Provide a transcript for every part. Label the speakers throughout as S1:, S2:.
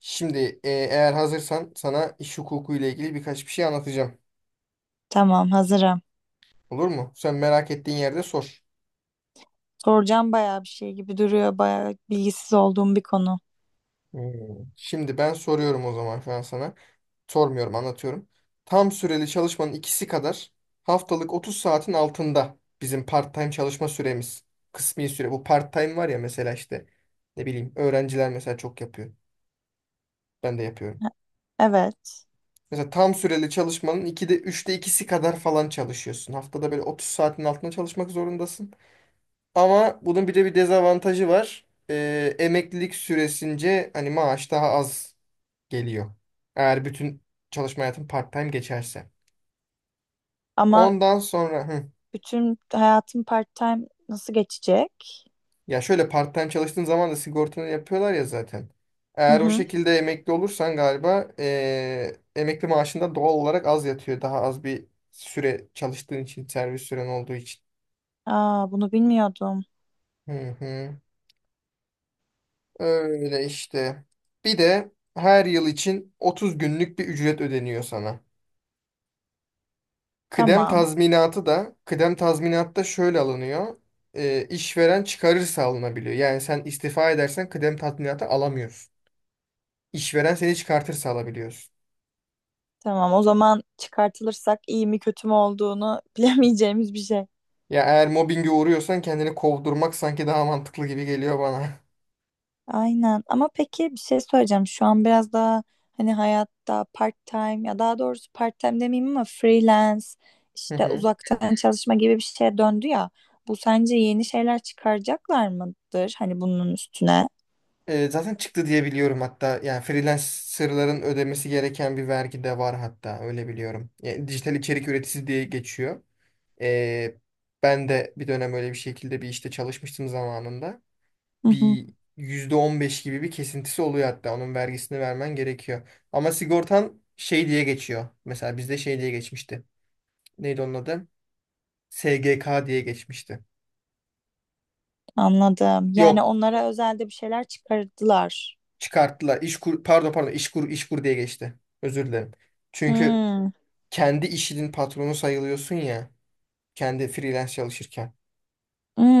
S1: Şimdi eğer hazırsan sana iş hukuku ile ilgili birkaç bir şey anlatacağım.
S2: Tamam, hazırım.
S1: Olur mu? Sen merak ettiğin yerde sor.
S2: Soracağım bayağı bir şey gibi duruyor. Bayağı bilgisiz olduğum bir konu.
S1: Hmm. Şimdi ben soruyorum o zaman şu an sana. Sormuyorum, anlatıyorum. Tam süreli çalışmanın ikisi kadar haftalık 30 saatin altında bizim part-time çalışma süremiz. Kısmi süre. Bu part-time var ya mesela işte ne bileyim öğrenciler mesela çok yapıyor. Ben de yapıyorum.
S2: E- Evet.
S1: Mesela tam süreli çalışmanın 2'de üçte ikisi kadar falan çalışıyorsun. Haftada böyle 30 saatin altında çalışmak zorundasın. Ama bunun bir de bir dezavantajı var. Emeklilik süresince hani maaş daha az geliyor. Eğer bütün çalışma hayatın part-time geçerse.
S2: Ama
S1: Ondan sonra
S2: bütün hayatım part-time nasıl geçecek?
S1: ya şöyle part-time çalıştığın zaman da sigortanı yapıyorlar ya zaten.
S2: Hı
S1: Eğer o
S2: hı.
S1: şekilde emekli olursan galiba emekli maaşında doğal olarak az yatıyor. Daha az bir süre çalıştığın için, servis süren olduğu için.
S2: Aa, bunu bilmiyordum.
S1: Hı hı. Öyle işte. Bir de her yıl için 30 günlük bir ücret ödeniyor sana. Kıdem
S2: Tamam.
S1: tazminatı da kıdem tazminatı da şöyle alınıyor. İşveren çıkarırsa alınabiliyor. Yani sen istifa edersen kıdem tazminatı alamıyorsun. İşveren seni çıkartırsa alabiliyorsun.
S2: Tamam. O zaman çıkartılırsak iyi mi kötü mü olduğunu bilemeyeceğimiz bir şey.
S1: Ya eğer mobbinge uğruyorsan kendini kovdurmak sanki daha mantıklı gibi geliyor bana.
S2: Aynen, ama peki bir şey söyleyeceğim, şu an biraz daha hani hayatta part time, ya daha doğrusu part time demeyeyim ama freelance
S1: Hı
S2: işte
S1: hı.
S2: uzaktan çalışma gibi bir şeye döndü ya, bu sence yeni şeyler çıkaracaklar mıdır hani bunun üstüne?
S1: Zaten çıktı diye biliyorum hatta. Yani freelancerların ödemesi gereken bir vergi de var hatta öyle biliyorum. Yani dijital içerik üreticisi diye geçiyor. Ee, ben de bir dönem öyle bir şekilde bir işte çalışmıştım zamanında.
S2: Hı hı,
S1: Bir %15 gibi bir kesintisi oluyor hatta. Onun vergisini vermen gerekiyor. Ama sigortan şey diye geçiyor. Mesela bizde şey diye geçmişti. Neydi onun adı? SGK diye geçmişti.
S2: anladım, yani
S1: Yok,
S2: onlara özelde bir şeyler çıkardılar.
S1: çıkarttılar. İşkur, pardon pardon İşkur, diye geçti. Özür dilerim. Çünkü
S2: Hmm.
S1: kendi işinin patronu sayılıyorsun ya. Kendi freelance çalışırken.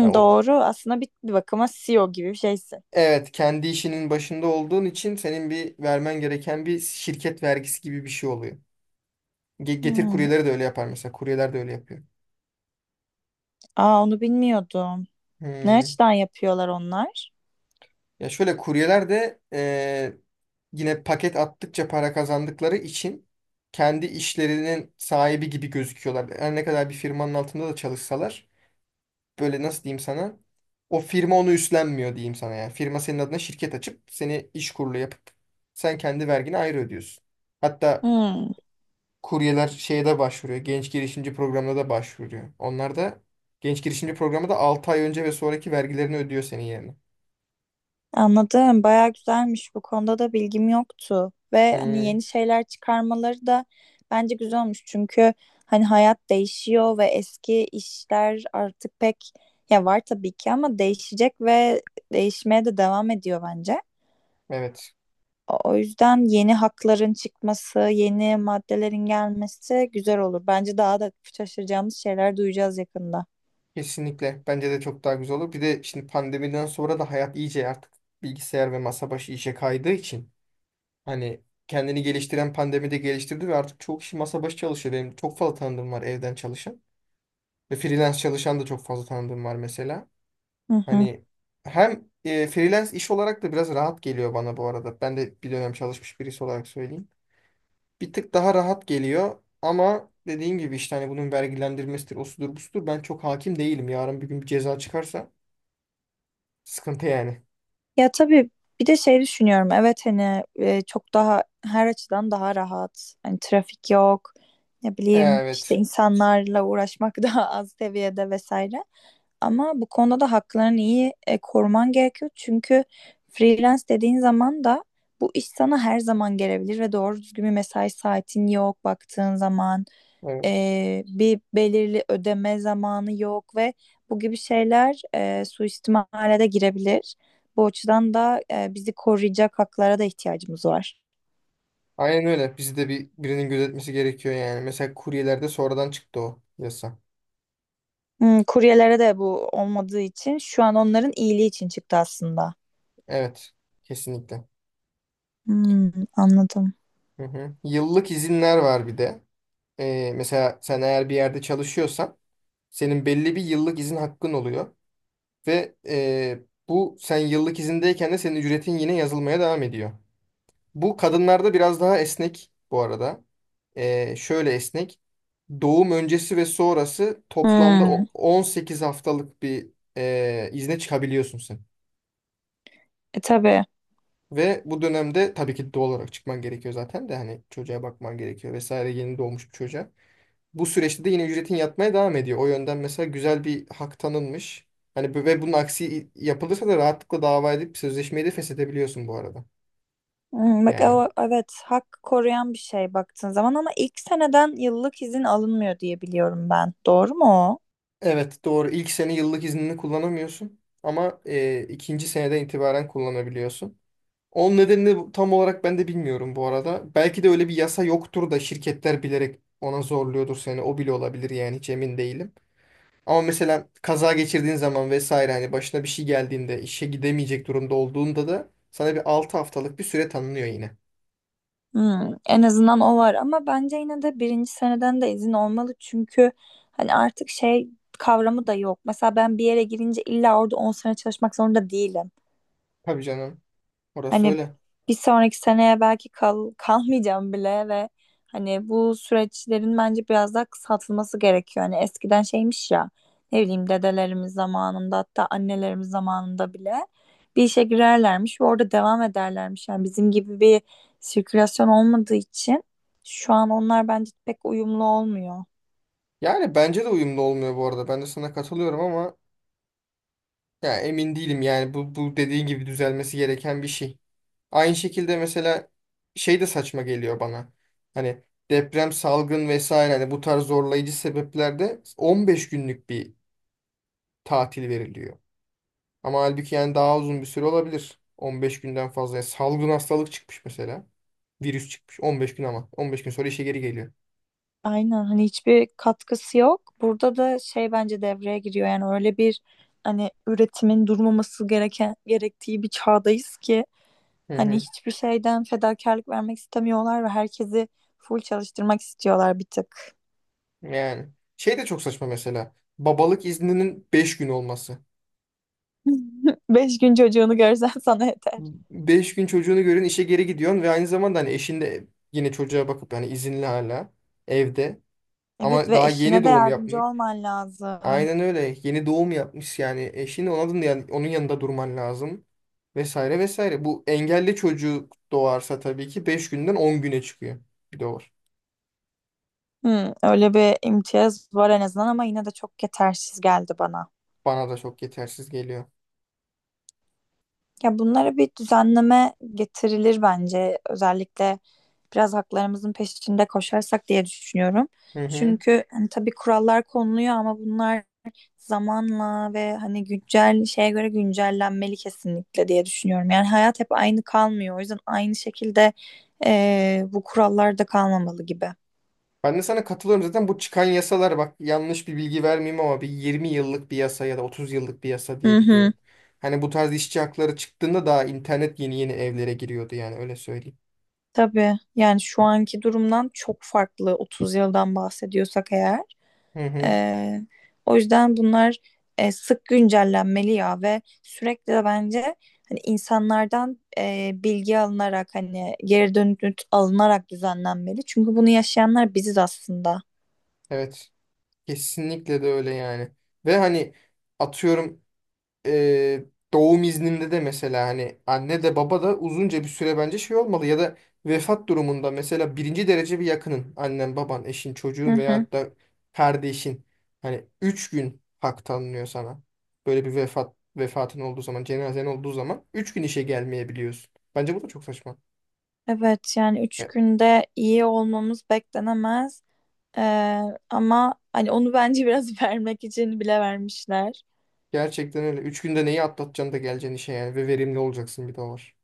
S1: Ya o,
S2: doğru aslında, bir bakıma CEO gibi bir şeysin.
S1: evet kendi işinin başında olduğun için senin bir vermen gereken bir şirket vergisi gibi bir şey oluyor. Getir
S2: Hmm,
S1: kuryeleri de öyle yapar mesela. Kuryeler de öyle yapıyor.
S2: aa, onu bilmiyordum. Ne
S1: Hmm.
S2: açıdan yapıyorlar onlar?
S1: Ya şöyle kuryeler de yine paket attıkça para kazandıkları için kendi işlerinin sahibi gibi gözüküyorlar. Her ne kadar bir firmanın altında da çalışsalar böyle nasıl diyeyim sana, o firma onu üstlenmiyor diyeyim sana yani. Firma senin adına şirket açıp seni iş kurulu yapıp sen kendi vergini ayrı ödüyorsun. Hatta
S2: Hmm.
S1: kuryeler şeye de başvuruyor. Genç girişimci programına da başvuruyor. Onlar da genç girişimci programı da 6 ay önce ve sonraki vergilerini ödüyor senin yerine.
S2: Anladım. Bayağı güzelmiş. Bu konuda da bilgim yoktu. Ve hani
S1: Hmm,
S2: yeni şeyler çıkarmaları da bence güzel olmuş. Çünkü hani hayat değişiyor ve eski işler artık pek, ya var tabii ki ama değişecek ve değişmeye de devam ediyor bence.
S1: evet.
S2: O yüzden yeni hakların çıkması, yeni maddelerin gelmesi güzel olur. Bence daha da şaşıracağımız şeyler duyacağız yakında.
S1: Kesinlikle. Bence de çok daha güzel olur. Bir de şimdi pandemiden sonra da hayat iyice artık bilgisayar ve masa başı işe kaydığı için hani kendini geliştiren pandemide geliştirdi ve artık çok kişi masa başı çalışıyor. Benim çok fazla tanıdığım var evden çalışan ve freelance çalışan da çok fazla tanıdığım var mesela.
S2: Hı hı.
S1: Hani hem freelance iş olarak da biraz rahat geliyor bana bu arada. Ben de bir dönem çalışmış birisi olarak söyleyeyim. Bir tık daha rahat geliyor ama dediğim gibi işte hani bunun vergilendirmesidir, osudur, busudur. Ben çok hakim değilim. Yarın bir gün bir ceza çıkarsa sıkıntı yani.
S2: Ya tabii, bir de şey düşünüyorum. Evet, hani çok daha her açıdan daha rahat. Hani trafik yok. Ne bileyim, işte
S1: Evet.
S2: insanlarla uğraşmak daha az seviyede vesaire. Ama bu konuda da haklarını iyi koruman gerekiyor. Çünkü freelance dediğin zaman da bu iş sana her zaman gelebilir ve doğru düzgün bir mesai saatin yok baktığın zaman.
S1: Evet.
S2: Bir belirli ödeme zamanı yok ve bu gibi şeyler suistimale de girebilir. Bu açıdan da bizi koruyacak haklara da ihtiyacımız var.
S1: Aynen öyle. Bizi de bir birinin gözetmesi gerekiyor yani. Mesela kuryelerde sonradan çıktı o yasa.
S2: Hmm, kuryelere de bu olmadığı için şu an onların iyiliği için çıktı aslında.
S1: Evet. Kesinlikle.
S2: Hmm, anladım.
S1: Hı hı. Yıllık izinler var bir de. Mesela sen eğer bir yerde çalışıyorsan senin belli bir yıllık izin hakkın oluyor. Ve bu sen yıllık izindeyken de senin ücretin yine yazılmaya devam ediyor. Bu kadınlarda biraz daha esnek bu arada. Şöyle esnek. Doğum öncesi ve sonrası toplamda
S2: Hmm,
S1: 18 haftalık bir izne çıkabiliyorsun sen.
S2: tabii.
S1: Ve bu dönemde tabii ki doğal olarak çıkman gerekiyor zaten de hani çocuğa bakman gerekiyor vesaire, yeni doğmuş bir çocuğa. Bu süreçte de yine ücretin yatmaya devam ediyor. O yönden mesela güzel bir hak tanınmış. Ve bunun aksi yapılırsa da rahatlıkla dava edip sözleşmeyi de feshedebiliyorsun bu arada.
S2: Hmm, bak
S1: Yani.
S2: o, evet, hak koruyan bir şey baktığın zaman, ama ilk seneden yıllık izin alınmıyor diye biliyorum ben. Doğru mu o?
S1: Evet, doğru. İlk sene yıllık iznini kullanamıyorsun ama ikinci seneden itibaren kullanabiliyorsun. Onun nedenini tam olarak ben de bilmiyorum bu arada. Belki de öyle bir yasa yoktur da şirketler bilerek ona zorluyordur seni. O bile olabilir yani, hiç emin değilim. Ama mesela kaza geçirdiğin zaman vesaire, hani başına bir şey geldiğinde işe gidemeyecek durumda olduğunda da sana bir 6 haftalık bir süre tanınıyor yine.
S2: Hmm, en azından o var, ama bence yine de birinci seneden de izin olmalı. Çünkü hani artık şey kavramı da yok. Mesela ben bir yere girince illa orada 10 sene çalışmak zorunda değilim.
S1: Tabii canım. Orası
S2: Hani
S1: öyle.
S2: bir sonraki seneye belki kalmayacağım bile ve hani bu süreçlerin bence biraz daha kısaltılması gerekiyor. Hani eskiden şeymiş ya, ne bileyim, dedelerimiz zamanında, hatta annelerimiz zamanında bile bir işe girerlermiş ve orada devam ederlermiş. Yani bizim gibi bir sirkülasyon olmadığı için şu an onlar bence pek uyumlu olmuyor.
S1: Yani bence de uyumlu olmuyor bu arada. Ben de sana katılıyorum ama ya emin değilim yani, bu dediğin gibi düzelmesi gereken bir şey. Aynı şekilde mesela şey de saçma geliyor bana. Hani deprem, salgın vesaire, hani bu tarz zorlayıcı sebeplerde 15 günlük bir tatil veriliyor. Ama halbuki yani daha uzun bir süre olabilir. 15 günden fazla. Yani salgın hastalık çıkmış mesela. Virüs çıkmış 15 gün ama 15 gün sonra işe geri geliyor.
S2: Aynen, hani hiçbir katkısı yok. Burada da şey bence devreye giriyor, yani öyle bir, hani üretimin durmaması gereken gerektiği bir çağdayız ki
S1: Hı
S2: hani
S1: hı.
S2: hiçbir şeyden fedakarlık vermek istemiyorlar ve herkesi full çalıştırmak istiyorlar bir tık.
S1: Yani şey de çok saçma mesela. Babalık izninin 5 gün olması.
S2: Beş gün çocuğunu görsen sana yeter.
S1: 5 gün çocuğunu görün işe geri gidiyorsun ve aynı zamanda hani eşin de yine çocuğa bakıp, yani izinli hala evde
S2: Evet,
S1: ama
S2: ve
S1: daha yeni
S2: eşine de
S1: doğum
S2: yardımcı
S1: yapmış.
S2: olman lazım.
S1: Aynen öyle, yeni doğum yapmış yani eşin onun, yani onun yanında durman lazım vesaire vesaire. Bu engelli çocuk doğarsa tabii ki 5 günden 10 güne çıkıyor, bir de var.
S2: Hmm, öyle bir imtiyaz var en azından, ama yine de çok yetersiz geldi bana.
S1: Bana da çok yetersiz geliyor.
S2: Ya bunlara bir düzenleme getirilir bence, özellikle biraz haklarımızın peşinde koşarsak diye düşünüyorum.
S1: Hı hı.
S2: Çünkü hani tabii kurallar konuluyor, ama bunlar zamanla ve hani güncel şeye göre güncellenmeli kesinlikle diye düşünüyorum. Yani hayat hep aynı kalmıyor. O yüzden aynı şekilde bu kurallar da kalmamalı gibi.
S1: Ben de sana katılıyorum, zaten bu çıkan yasalar bak, yanlış bir bilgi vermeyeyim ama bir 20 yıllık bir yasa ya da 30 yıllık bir yasa
S2: Hı
S1: diye
S2: hı.
S1: biliyorum. Hani bu tarz işçi hakları çıktığında daha internet yeni yeni evlere giriyordu yani, öyle söyleyeyim.
S2: Tabii, yani şu anki durumdan çok farklı 30 yıldan bahsediyorsak eğer.
S1: Hı hı.
S2: Ee, O yüzden bunlar sık güncellenmeli ya, ve sürekli de bence hani insanlardan bilgi alınarak, hani geri dönüt alınarak düzenlenmeli. Çünkü bunu yaşayanlar biziz aslında.
S1: Evet. Kesinlikle de öyle yani. Ve hani atıyorum e, doğum izninde de mesela hani anne de baba da uzunca bir süre bence şey olmalı ya da vefat durumunda mesela birinci derece bir yakının, annen, baban, eşin,
S2: Hı
S1: çocuğun
S2: hı.
S1: veyahut da kardeşin, hani 3 gün hak tanınıyor sana. Böyle bir vefatın olduğu zaman, cenazen olduğu zaman 3 gün işe gelmeyebiliyorsun. Bence bu da çok saçma.
S2: Evet, yani üç
S1: Ya,
S2: günde iyi olmamız beklenemez. Ee, Ama hani onu bence biraz vermek için bile vermişler.
S1: gerçekten öyle. 3 günde neyi atlatacaksın da geleceksin işe yani, ve verimli olacaksın, bir de o var.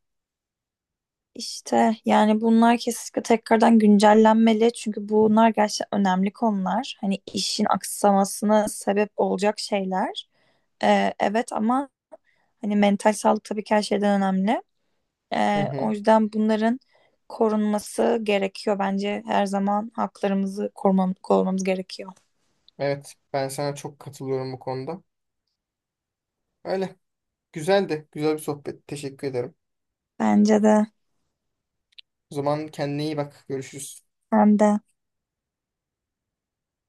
S2: İşte yani bunlar kesinlikle tekrardan güncellenmeli, çünkü bunlar gerçekten önemli konular. Hani işin aksamasına sebep olacak şeyler. Evet, ama hani mental sağlık tabii ki her şeyden önemli.
S1: Hı
S2: O
S1: hı.
S2: yüzden bunların korunması gerekiyor bence. Her zaman haklarımızı korumamız gerekiyor.
S1: Evet, ben sana çok katılıyorum bu konuda. Öyle. Güzeldi. Güzel bir sohbet. Teşekkür ederim.
S2: Bence de.
S1: O zaman kendine iyi bak. Görüşürüz.
S2: Hem de.